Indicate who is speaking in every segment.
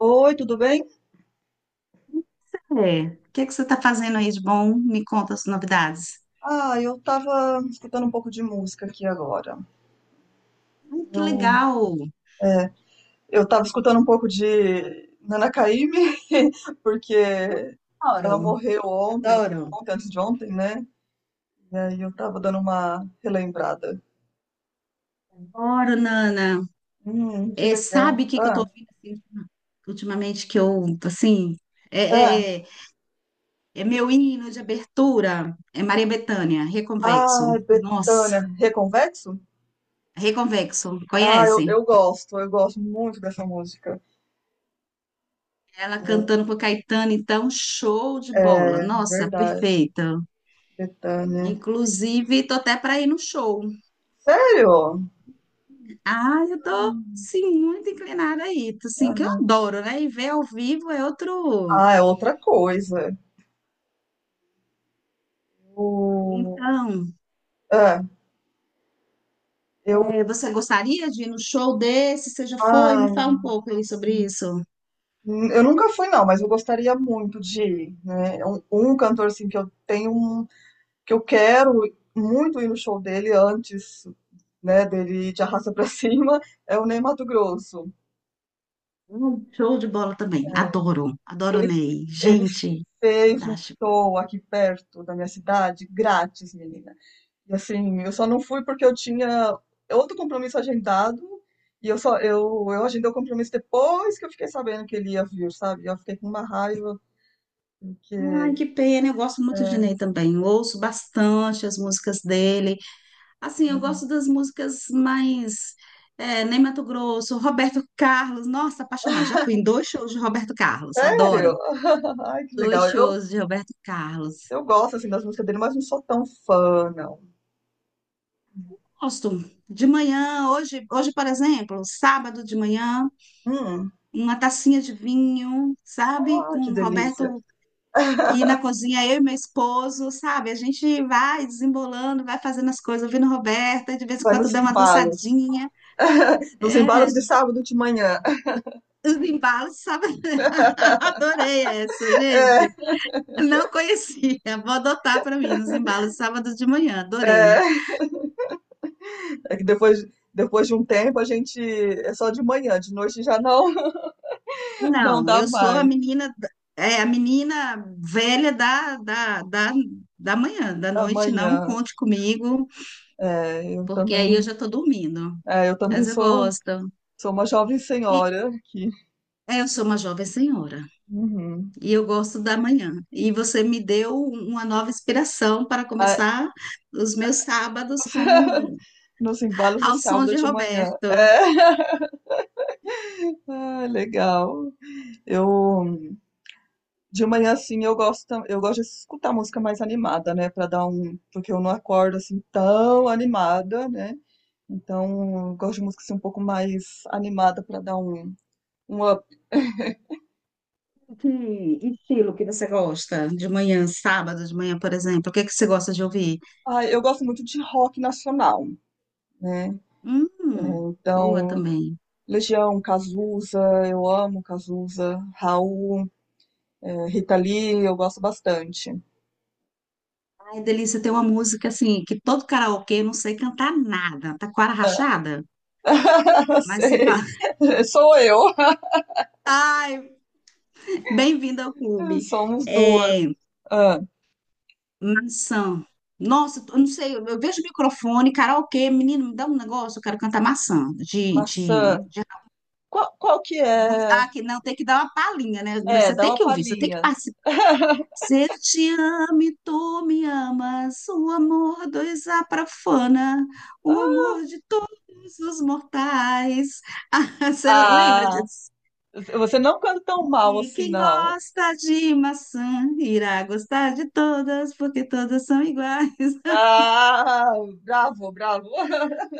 Speaker 1: Oi, tudo bem?
Speaker 2: É. O que é que você está fazendo aí de bom? Me conta as novidades.
Speaker 1: Ah, eu tava escutando um pouco de música aqui agora.
Speaker 2: Ai, que
Speaker 1: Eu,
Speaker 2: legal!
Speaker 1: é, eu tava escutando um pouco de Nana Caymmi, porque
Speaker 2: Eu
Speaker 1: ela
Speaker 2: adoro,
Speaker 1: morreu ontem,
Speaker 2: adoro.
Speaker 1: ontem, antes de ontem, né? E aí eu tava dando uma relembrada.
Speaker 2: Adoro, Nana.
Speaker 1: Que
Speaker 2: É,
Speaker 1: legal.
Speaker 2: sabe o que que eu estou ouvindo assim, ultimamente que eu, assim, é,
Speaker 1: Ah,
Speaker 2: é, é- é meu hino de abertura. É Maria Bethânia, Reconvexo.
Speaker 1: ah,
Speaker 2: Nossa,
Speaker 1: Bethânia, Reconvexo?
Speaker 2: Reconvexo,
Speaker 1: Ah, eu,
Speaker 2: conhece?
Speaker 1: eu gosto, eu gosto muito dessa música.
Speaker 2: Ela cantando pro Caetano, então, show de
Speaker 1: É,
Speaker 2: bola.
Speaker 1: é
Speaker 2: Nossa,
Speaker 1: verdade,
Speaker 2: perfeita.
Speaker 1: Bethânia.
Speaker 2: Inclusive, tô até para ir no show.
Speaker 1: Sério?
Speaker 2: Ah, eu tô,
Speaker 1: Ah,
Speaker 2: sim, muito inclinada aí, assim, que eu
Speaker 1: ah.
Speaker 2: adoro, né? E ver ao vivo é outro.
Speaker 1: Ah, é outra coisa. O...
Speaker 2: Então,
Speaker 1: É, eu,
Speaker 2: você gostaria de ir no show desse? Você já foi?
Speaker 1: ah,
Speaker 2: Me fala um pouco aí sobre isso.
Speaker 1: eu nunca fui não, mas eu gostaria muito de ir, né? É um cantor assim que eu tenho, que eu quero muito ir no show dele antes, né, dele ir de arrasta pra cima, é o Ney Matogrosso.
Speaker 2: Show de bola também, adoro, adoro o
Speaker 1: Ele,
Speaker 2: Ney.
Speaker 1: ele
Speaker 2: Gente,
Speaker 1: fez um
Speaker 2: fantástico.
Speaker 1: show aqui perto da minha cidade, grátis, menina. E assim, eu só não fui porque eu tinha outro compromisso agendado e eu agendei o compromisso depois que eu fiquei sabendo que ele ia vir, sabe? Eu fiquei com uma raiva
Speaker 2: Ai,
Speaker 1: porque
Speaker 2: que pena, eu gosto muito de
Speaker 1: é,
Speaker 2: Ney também, ouço bastante as músicas dele. Assim, eu gosto das músicas mais... É, Ney Matogrosso, Roberto Carlos, nossa, apaixonada. Já fui em dois shows de Roberto Carlos,
Speaker 1: sério?
Speaker 2: adoro.
Speaker 1: Ai, que
Speaker 2: Dois
Speaker 1: legal. Eu
Speaker 2: shows de Roberto Carlos.
Speaker 1: eu gosto assim das músicas dele, mas não sou tão fã, não.
Speaker 2: Gosto. De manhã, hoje, hoje, por exemplo, sábado de manhã,
Speaker 1: Hum,
Speaker 2: uma tacinha de vinho, sabe?
Speaker 1: ah,
Speaker 2: Com
Speaker 1: que
Speaker 2: o
Speaker 1: delícia.
Speaker 2: Roberto e na cozinha, eu e meu esposo, sabe? A gente vai desembolando, vai fazendo as coisas, ouvindo o Roberto, e de vez em
Speaker 1: Vai
Speaker 2: quando
Speaker 1: nos
Speaker 2: dá uma
Speaker 1: embalos.
Speaker 2: dançadinha.
Speaker 1: Nos
Speaker 2: É,
Speaker 1: embalos de sábado de manhã.
Speaker 2: os embalos, sabe? Adorei essa, gente. Não conhecia. Vou adotar para mim nos embalos de sábado de manhã, adorei.
Speaker 1: É que depois Depois de um tempo, a gente é só de manhã, de noite já não não
Speaker 2: Não,
Speaker 1: dá
Speaker 2: eu sou a
Speaker 1: mais.
Speaker 2: menina, da- é a menina velha da manhã, da noite, não
Speaker 1: Amanhã.
Speaker 2: conte comigo,
Speaker 1: É, eu
Speaker 2: porque aí eu
Speaker 1: também,
Speaker 2: já estou dormindo.
Speaker 1: é, eu também,
Speaker 2: Mas eu
Speaker 1: sou,
Speaker 2: gosto.
Speaker 1: sou uma jovem
Speaker 2: E,
Speaker 1: senhora aqui.
Speaker 2: é, eu sou uma jovem senhora
Speaker 1: Uhum.
Speaker 2: e eu gosto da manhã. E você me deu uma nova inspiração para
Speaker 1: Ah,
Speaker 2: começar os meus sábados com
Speaker 1: nos embalos de
Speaker 2: ao som
Speaker 1: sábado
Speaker 2: de
Speaker 1: de manhã. É.
Speaker 2: Roberto.
Speaker 1: Ah, legal. Eu De manhã assim eu gosto de escutar música mais animada, né, para dar um, porque eu não acordo assim tão animada, né? Então, eu gosto de música assim, um pouco mais animada para dar um up.
Speaker 2: Que estilo que você gosta de manhã, sábado de manhã, por exemplo? O que que você gosta de ouvir?
Speaker 1: Ah, eu gosto muito de rock nacional, né?
Speaker 2: Hum, boa
Speaker 1: Então,
Speaker 2: também.
Speaker 1: Legião, Cazuza, eu amo Cazuza, Raul, Rita Lee, eu gosto bastante.
Speaker 2: Ai, delícia, tem uma música assim, que todo karaokê eu não sei cantar nada, taquara rachada, mas você
Speaker 1: Sei,
Speaker 2: fala,
Speaker 1: sou eu.
Speaker 2: ai, bem-vindo ao clube.
Speaker 1: Somos
Speaker 2: É,
Speaker 1: duas. Ah,
Speaker 2: maçã. Nossa, eu não sei, eu vejo microfone, karaokê, menino, me dá um negócio, eu quero cantar maçã,
Speaker 1: maçã. Qual que é?
Speaker 2: Ah, que não, tem que dar uma palhinha, né?
Speaker 1: É,
Speaker 2: Você
Speaker 1: dá
Speaker 2: tem
Speaker 1: uma
Speaker 2: que ouvir, você tem que
Speaker 1: palhinha.
Speaker 2: participar. Se eu te amo e tu me amas, o amor dos aprafana, o
Speaker 1: Ah,
Speaker 2: amor de todos os mortais. Ah, você lembra
Speaker 1: ah,
Speaker 2: disso?
Speaker 1: você não canta tão mal
Speaker 2: E
Speaker 1: assim,
Speaker 2: quem
Speaker 1: não.
Speaker 2: gosta de maçã irá gostar de todas, porque todas são iguais.
Speaker 1: Ah, bravo, bravo.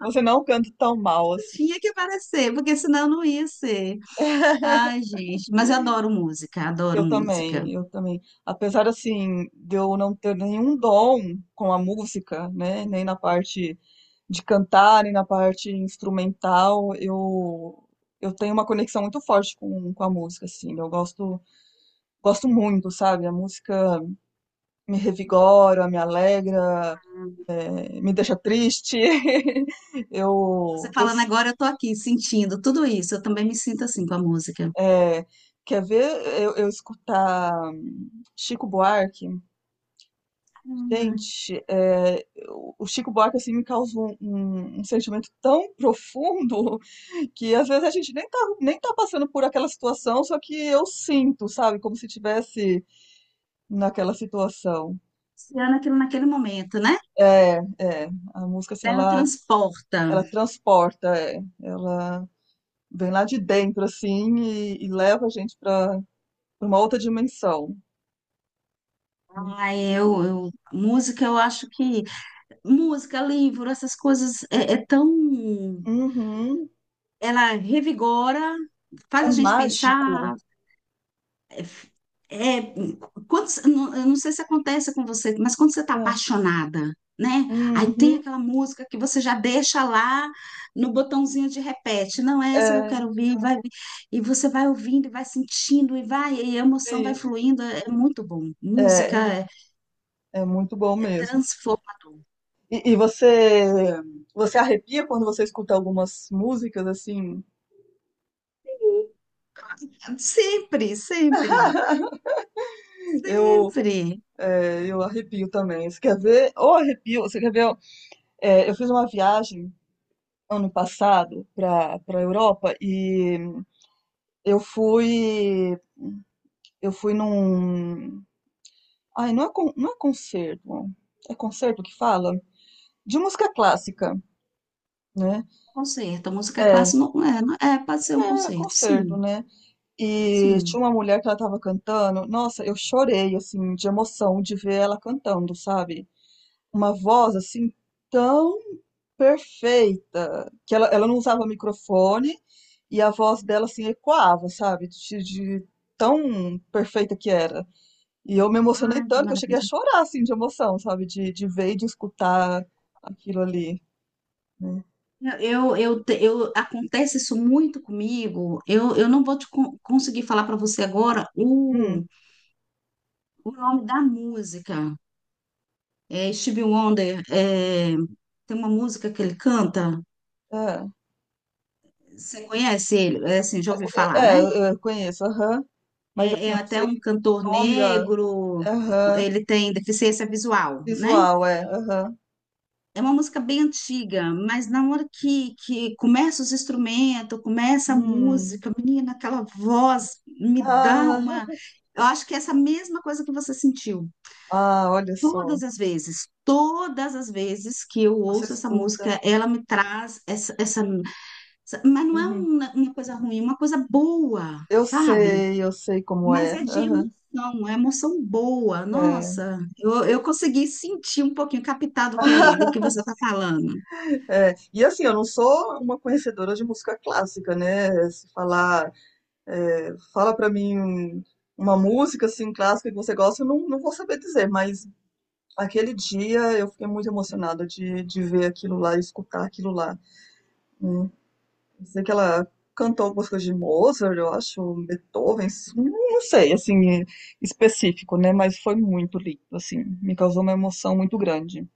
Speaker 1: Você não canta tão mal assim.
Speaker 2: Tinha que aparecer, porque senão não ia ser. Ai, gente, mas eu adoro música, adoro
Speaker 1: Eu
Speaker 2: música.
Speaker 1: também, eu também. Apesar assim de eu não ter nenhum dom com a música, né, nem na parte de cantar, nem na parte instrumental, eu tenho uma conexão muito forte com a música, assim. Eu gosto muito, sabe? A música me revigora, me alegra, me deixa triste.
Speaker 2: Você
Speaker 1: Eu eu
Speaker 2: falando
Speaker 1: s-
Speaker 2: agora, eu tô aqui sentindo tudo isso. Eu também me sinto assim com a música.
Speaker 1: é, quer ver eu escutar Chico Buarque.
Speaker 2: Hum,
Speaker 1: Gente, o Chico Buarque assim me causa um, um sentimento tão profundo que às vezes a gente nem tá passando por aquela situação, só que eu sinto, sabe, como se tivesse naquela situação.
Speaker 2: Luciana, aquilo naquele momento, né?
Speaker 1: É, a música assim
Speaker 2: Ela
Speaker 1: ela
Speaker 2: transporta.
Speaker 1: ela transporta, ela vem lá de dentro assim e leva a gente para uma outra dimensão.
Speaker 2: Ah, música, eu acho que música, livro, essas coisas é, é tão.
Speaker 1: Uhum,
Speaker 2: Ela revigora, faz
Speaker 1: é
Speaker 2: a gente
Speaker 1: mágico.
Speaker 2: pensar. É, é- quando, eu não sei se acontece com você, mas quando você está
Speaker 1: É,
Speaker 2: apaixonada, né? Aí tem
Speaker 1: uhum,
Speaker 2: aquela música que você já deixa lá no botãozinho de repete. Não é essa que eu quero
Speaker 1: é,
Speaker 2: ouvir, vai, e você vai ouvindo, e vai sentindo, e vai, e a emoção vai
Speaker 1: sim.
Speaker 2: fluindo. É muito bom. Música.
Speaker 1: É,
Speaker 2: É
Speaker 1: É, muito bom mesmo.
Speaker 2: transformador.
Speaker 1: E você arrepia quando você escuta algumas músicas assim?
Speaker 2: Sempre, sempre,
Speaker 1: Eu,
Speaker 2: sempre.
Speaker 1: eu arrepio também. Você quer ver? Ou arrepio, você quer ver? É, eu fiz uma viagem ano passado para Europa e eu fui eu fui num ai não é con- não é concerto, é concerto que fala de música clássica, né?
Speaker 2: Concerto. A música
Speaker 1: é,
Speaker 2: clássica não é, não- é, pode ser um
Speaker 1: é
Speaker 2: concerto,
Speaker 1: concerto,
Speaker 2: sim,
Speaker 1: né? E
Speaker 2: sim.
Speaker 1: tinha uma mulher que ela tava cantando. Nossa, eu chorei, assim, de emoção de ver ela cantando, sabe? Uma voz, assim, tão perfeita. Que ela não usava microfone e a voz dela, assim, ecoava, sabe? De tão perfeita que era. E eu me emocionei
Speaker 2: Ai, que
Speaker 1: tanto que eu cheguei a
Speaker 2: maravilha.
Speaker 1: chorar, assim, de emoção, sabe? De ver e de escutar aquilo ali, né?
Speaker 2: Acontece isso muito comigo. Eu não vou te con- conseguir falar para você agora
Speaker 1: Hum,
Speaker 2: o nome da música. É Stevie Wonder, é, tem uma música que ele canta.
Speaker 1: é.
Speaker 2: Você conhece ele? É assim, já ouvi
Speaker 1: É,
Speaker 2: falar, né?
Speaker 1: é, eu conheço, aham. Mas,
Speaker 2: É,
Speaker 1: assim,
Speaker 2: é
Speaker 1: eu não
Speaker 2: até
Speaker 1: sei
Speaker 2: um cantor
Speaker 1: o nome. Ah,
Speaker 2: negro,
Speaker 1: aham.
Speaker 2: ele tem deficiência visual, né?
Speaker 1: Visual, é. Aham.
Speaker 2: É uma música bem antiga, mas na hora que começa os instrumentos, começa a
Speaker 1: Hum.
Speaker 2: música, menina, aquela voz me dá
Speaker 1: Ah,
Speaker 2: uma. Eu acho que é essa mesma coisa que você sentiu.
Speaker 1: ah, olha só.
Speaker 2: Todas as vezes que eu
Speaker 1: Você
Speaker 2: ouço essa
Speaker 1: escuta.
Speaker 2: música, ela me traz essa, essa, essa- mas não é
Speaker 1: Uhum.
Speaker 2: uma coisa ruim, é uma coisa boa, sabe?
Speaker 1: Eu sei como
Speaker 2: Mas
Speaker 1: é.
Speaker 2: é de
Speaker 1: Aham.
Speaker 2: emoção, é emoção boa.
Speaker 1: É.
Speaker 2: Nossa, eu consegui sentir um pouquinho, captar do que você está falando.
Speaker 1: É, e assim, eu não sou uma conhecedora de música clássica, né? Se falar, fala pra mim uma música assim clássica que você gosta, eu não, não vou saber dizer, mas aquele dia eu fiquei muito emocionada de ver aquilo lá, escutar aquilo lá. Sei que ela cantou algumas coisas de Mozart, eu acho, Beethoven, não sei, assim, específico, né? Mas foi muito lindo, assim, me causou uma emoção muito grande.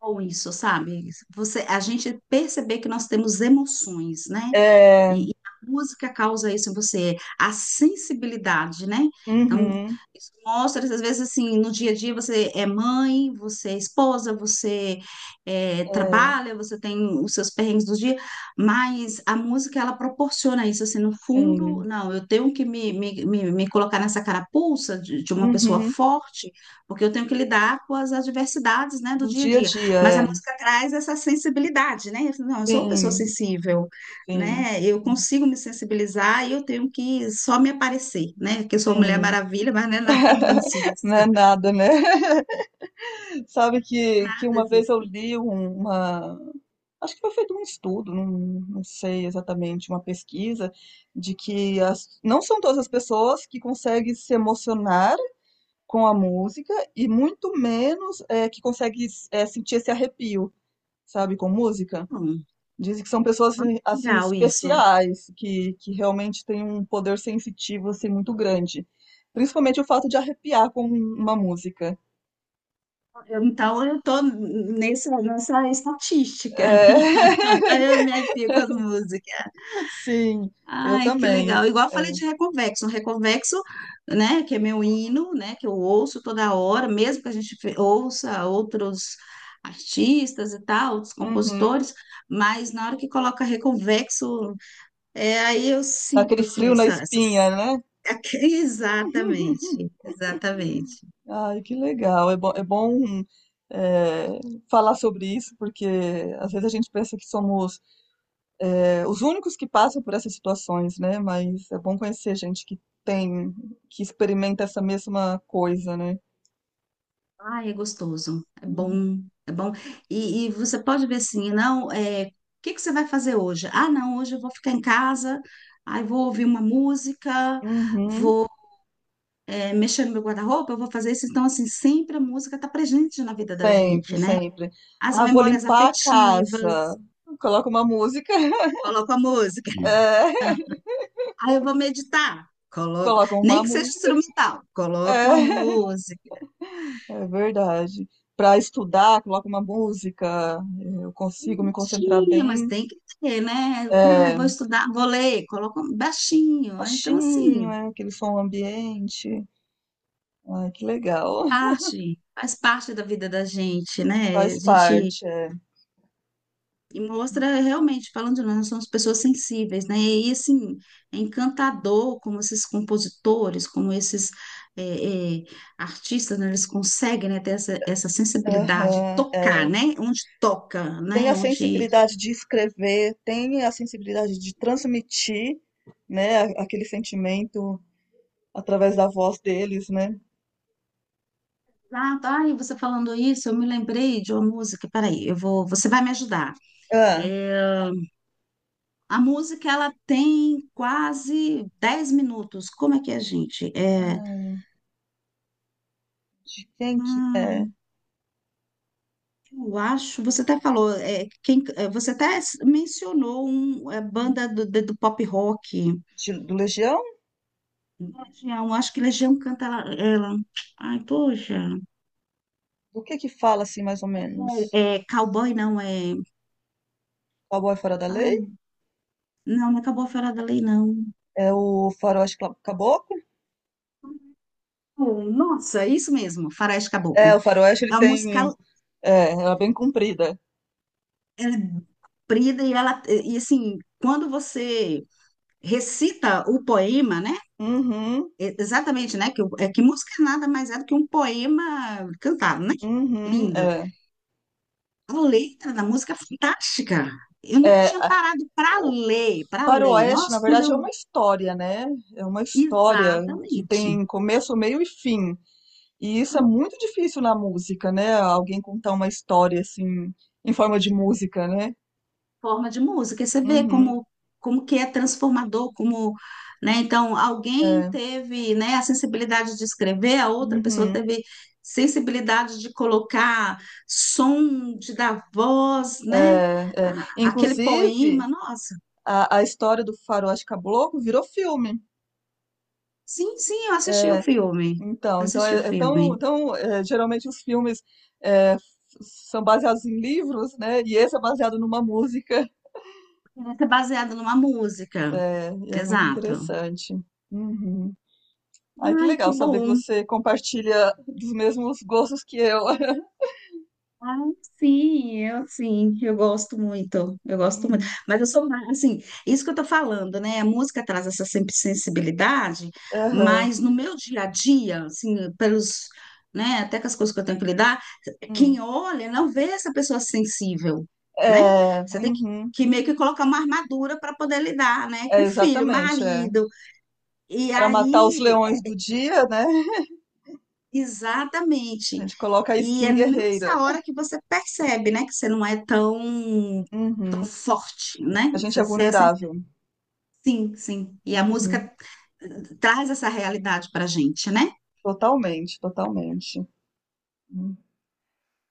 Speaker 2: Ou isso, sabe? Você, a gente perceber que nós temos emoções, né?
Speaker 1: É,
Speaker 2: E a música causa isso em você, a sensibilidade, né? Então,
Speaker 1: uhum,
Speaker 2: isso mostra, às vezes, assim, no dia a dia você é mãe, você é esposa, você é,
Speaker 1: é,
Speaker 2: trabalha, você tem os seus perrengues do dia, mas a música, ela proporciona isso, assim, no fundo,
Speaker 1: sim,
Speaker 2: não, eu tenho que me colocar nessa carapuça de uma pessoa
Speaker 1: uhum,
Speaker 2: forte, porque eu tenho que lidar com as adversidades, né, do
Speaker 1: do
Speaker 2: dia a
Speaker 1: dia a
Speaker 2: dia.
Speaker 1: dia,
Speaker 2: Mas a
Speaker 1: é,
Speaker 2: música traz essa sensibilidade, né? Não, eu sou uma pessoa
Speaker 1: sim,
Speaker 2: sensível,
Speaker 1: sim,
Speaker 2: né? Eu consigo me sensibilizar e eu tenho que só me aparecer, né? Que eu sou uma Mulher
Speaker 1: sim,
Speaker 2: Maravilha, mas não é nada disso,
Speaker 1: não é nada, né? Sabe que
Speaker 2: nada
Speaker 1: uma vez eu
Speaker 2: disso.
Speaker 1: li uma. Acho que foi feito um estudo, não, não sei exatamente, uma pesquisa, de que não são todas as pessoas que conseguem se emocionar com a música e muito menos que conseguem sentir esse arrepio, sabe, com música.
Speaker 2: Bom,
Speaker 1: Dizem que são pessoas assim, assim,
Speaker 2: legal isso.
Speaker 1: especiais, que realmente têm um poder sensitivo assim, muito grande. Principalmente o fato de arrepiar com uma música.
Speaker 2: Eu- então eu tô nessa, nessa estatística.
Speaker 1: É,
Speaker 2: Aí eu me arrepio com as músicas.
Speaker 1: Sim, eu
Speaker 2: Ai, que
Speaker 1: também.
Speaker 2: legal. Igual eu falei
Speaker 1: É.
Speaker 2: de Reconvexo. Reconvexo, né, que é meu hino, né, que eu ouço toda hora, mesmo que a gente fe- ouça outros artistas e tal, outros
Speaker 1: Uhum.
Speaker 2: compositores, mas na hora que coloca Reconvexo, é, aí eu
Speaker 1: Dá
Speaker 2: sinto,
Speaker 1: aquele
Speaker 2: assim,
Speaker 1: frio na
Speaker 2: essa,
Speaker 1: espinha,
Speaker 2: essas...
Speaker 1: né?
Speaker 2: Exatamente, exatamente.
Speaker 1: Ai, que legal. É bom, é, falar sobre isso, porque às vezes a gente pensa que somos os únicos que passam por essas situações, né? Mas é bom conhecer gente que tem, que experimenta essa mesma coisa, né?
Speaker 2: Ah, é gostoso, é bom,
Speaker 1: Uhum.
Speaker 2: é bom. E você pode ver assim, não, é, o que que você vai fazer hoje? Ah, não, hoje eu vou ficar em casa, aí vou ouvir uma música,
Speaker 1: Uhum.
Speaker 2: é, mexendo no meu guarda-roupa, eu vou fazer isso. Então, assim, sempre a música está presente na vida da
Speaker 1: Sempre,
Speaker 2: gente, né?
Speaker 1: sempre.
Speaker 2: As
Speaker 1: Ah, vou
Speaker 2: memórias
Speaker 1: limpar a casa.
Speaker 2: afetivas,
Speaker 1: Coloca uma música.
Speaker 2: coloco a música.
Speaker 1: É,
Speaker 2: Aí eu vou meditar, coloco,
Speaker 1: coloca
Speaker 2: nem
Speaker 1: uma
Speaker 2: que seja
Speaker 1: música.
Speaker 2: instrumental, coloco uma
Speaker 1: É.
Speaker 2: música.
Speaker 1: É verdade. Para estudar, coloco uma música, eu consigo me concentrar
Speaker 2: Baixinho, mas
Speaker 1: bem.
Speaker 2: tem que ter, né? Ah,
Speaker 1: É,
Speaker 2: vou estudar, vou ler, coloco baixinho. Então,
Speaker 1: baixinho,
Speaker 2: assim,
Speaker 1: aquele som ambiente. Ai, que legal.
Speaker 2: parte, faz parte da vida da gente, né? A
Speaker 1: Faz
Speaker 2: gente
Speaker 1: parte. É.
Speaker 2: e mostra realmente, falando de nós, nós somos pessoas sensíveis, né? E assim, é encantador como esses compositores, como esses é, é, artistas, né? Eles conseguem, né, ter essa, essa sensibilidade,
Speaker 1: Aham,
Speaker 2: tocar,
Speaker 1: é.
Speaker 2: né? Onde toca,
Speaker 1: Tem
Speaker 2: né?
Speaker 1: a
Speaker 2: Onde.
Speaker 1: sensibilidade de escrever, tem a sensibilidade de transmitir, né, aquele sentimento através da voz deles, né?
Speaker 2: Ah, tá, e você falando isso, eu me lembrei de uma música. Peraí, eu vou, você vai me ajudar.
Speaker 1: Ah,
Speaker 2: É, a música, ela tem quase 10 minutos. Como é que é, gente? É.
Speaker 1: ai, de quem que é?
Speaker 2: Hum, eu acho, você até falou, é, quem, é, você até s- mencionou um, é, banda do pop rock.
Speaker 1: Do Legião?
Speaker 2: Legião, acho que Legião canta ela, ela. Ai, poxa.
Speaker 1: Do que fala assim, mais ou menos?
Speaker 2: É, é cowboy não, é.
Speaker 1: Cowboy Fora da Lei?
Speaker 2: Ai, não, não acabou a Fera da Lei, não.
Speaker 1: É o faroeste caboclo?
Speaker 2: Oh, nossa, é isso mesmo, Faroeste
Speaker 1: É,
Speaker 2: Caboclo.
Speaker 1: o faroeste ele
Speaker 2: É uma música,
Speaker 1: tem. É, ela é bem comprida.
Speaker 2: ela é brida e ela, e assim, quando você recita o poema, né?
Speaker 1: Uhum,
Speaker 2: E- exatamente, né? Que, o- é que música nada mais é do que um poema cantado, né?
Speaker 1: uhum,
Speaker 2: Linda.
Speaker 1: é.
Speaker 2: A letra da música é fantástica. Eu nunca
Speaker 1: É,
Speaker 2: tinha parado para
Speaker 1: o
Speaker 2: ler, para ler.
Speaker 1: faroeste,
Speaker 2: Nossa,
Speaker 1: na
Speaker 2: quando
Speaker 1: verdade, é
Speaker 2: eu.
Speaker 1: uma história, né? É uma história que
Speaker 2: Exatamente.
Speaker 1: tem começo, meio e fim. E isso é muito difícil na música, né? Alguém contar uma história assim, em forma de música, né?
Speaker 2: Forma de música. E você vê
Speaker 1: Uhum,
Speaker 2: como, como que é transformador, como, né? Então, alguém
Speaker 1: é,
Speaker 2: teve, né, a sensibilidade de escrever, a outra pessoa
Speaker 1: uhum,
Speaker 2: teve sensibilidade de colocar som, de dar voz,
Speaker 1: é,
Speaker 2: né?
Speaker 1: é.
Speaker 2: A- aquele
Speaker 1: Inclusive,
Speaker 2: poema. Nossa.
Speaker 1: a história do faroeste caboclo virou filme.
Speaker 2: Sim, sim, eu assisti o filme.
Speaker 1: Então, então
Speaker 2: Assisti o
Speaker 1: é, é tão,
Speaker 2: filme.
Speaker 1: tão é, geralmente os filmes é, f- são baseados em livros, né? E esse é baseado numa música.
Speaker 2: Vai ser baseado numa música.
Speaker 1: É, e é muito
Speaker 2: Exato.
Speaker 1: interessante. Uhum. Ai, que
Speaker 2: Ai, que
Speaker 1: legal saber que
Speaker 2: bom.
Speaker 1: você compartilha dos mesmos gostos que eu.
Speaker 2: Ah, sim, eu gosto muito, eu gosto muito.
Speaker 1: Uhum.
Speaker 2: Mas eu sou mais, assim, isso que eu tô falando, né? A música traz essa sempre sensibilidade,
Speaker 1: Aham.
Speaker 2: mas no meu dia a dia, assim, pelos, né, até com as coisas que eu tenho que lidar,
Speaker 1: Hum.
Speaker 2: quem olha não vê essa pessoa sensível, né?
Speaker 1: É,
Speaker 2: Você tem
Speaker 1: uhum.
Speaker 2: que meio que colocar uma armadura para poder lidar, né?
Speaker 1: É,
Speaker 2: Com filho,
Speaker 1: exatamente. É.
Speaker 2: marido. E
Speaker 1: Para matar os
Speaker 2: aí
Speaker 1: leões do dia, né? A
Speaker 2: exatamente.
Speaker 1: gente coloca a
Speaker 2: E
Speaker 1: skin
Speaker 2: é
Speaker 1: guerreira.
Speaker 2: nessa hora que você percebe, né, que você não é tão, tão
Speaker 1: Uhum.
Speaker 2: forte, né?
Speaker 1: A gente
Speaker 2: Você,
Speaker 1: é
Speaker 2: você é sens-
Speaker 1: vulnerável.
Speaker 2: sim, sim. E a
Speaker 1: Uhum.
Speaker 2: música traz essa realidade pra gente, né?
Speaker 1: Totalmente, totalmente.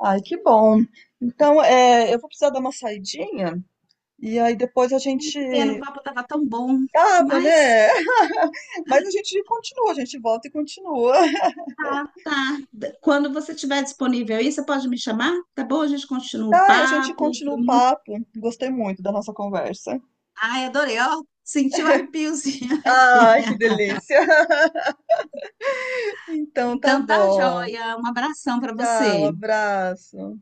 Speaker 1: Ai, que bom. Então, eu vou precisar dar uma saidinha e aí depois a
Speaker 2: Ai,
Speaker 1: gente
Speaker 2: que pena, o papo tava tão bom,
Speaker 1: tava,
Speaker 2: mas
Speaker 1: né? Mas a gente continua, a gente volta e continua.
Speaker 2: tá. D- quando você tiver disponível aí, você pode me chamar, tá bom? A gente continua o
Speaker 1: Tá, e a gente
Speaker 2: papo,
Speaker 1: continua
Speaker 2: foi
Speaker 1: o
Speaker 2: muito...
Speaker 1: papo. Gostei muito da nossa conversa.
Speaker 2: Ai, adorei, ó, senti o arrepiozinho aqui.
Speaker 1: Ai, que delícia. Então, tá
Speaker 2: Então tá
Speaker 1: bom.
Speaker 2: joia, um abração pra
Speaker 1: Tchau,
Speaker 2: você.
Speaker 1: abraço.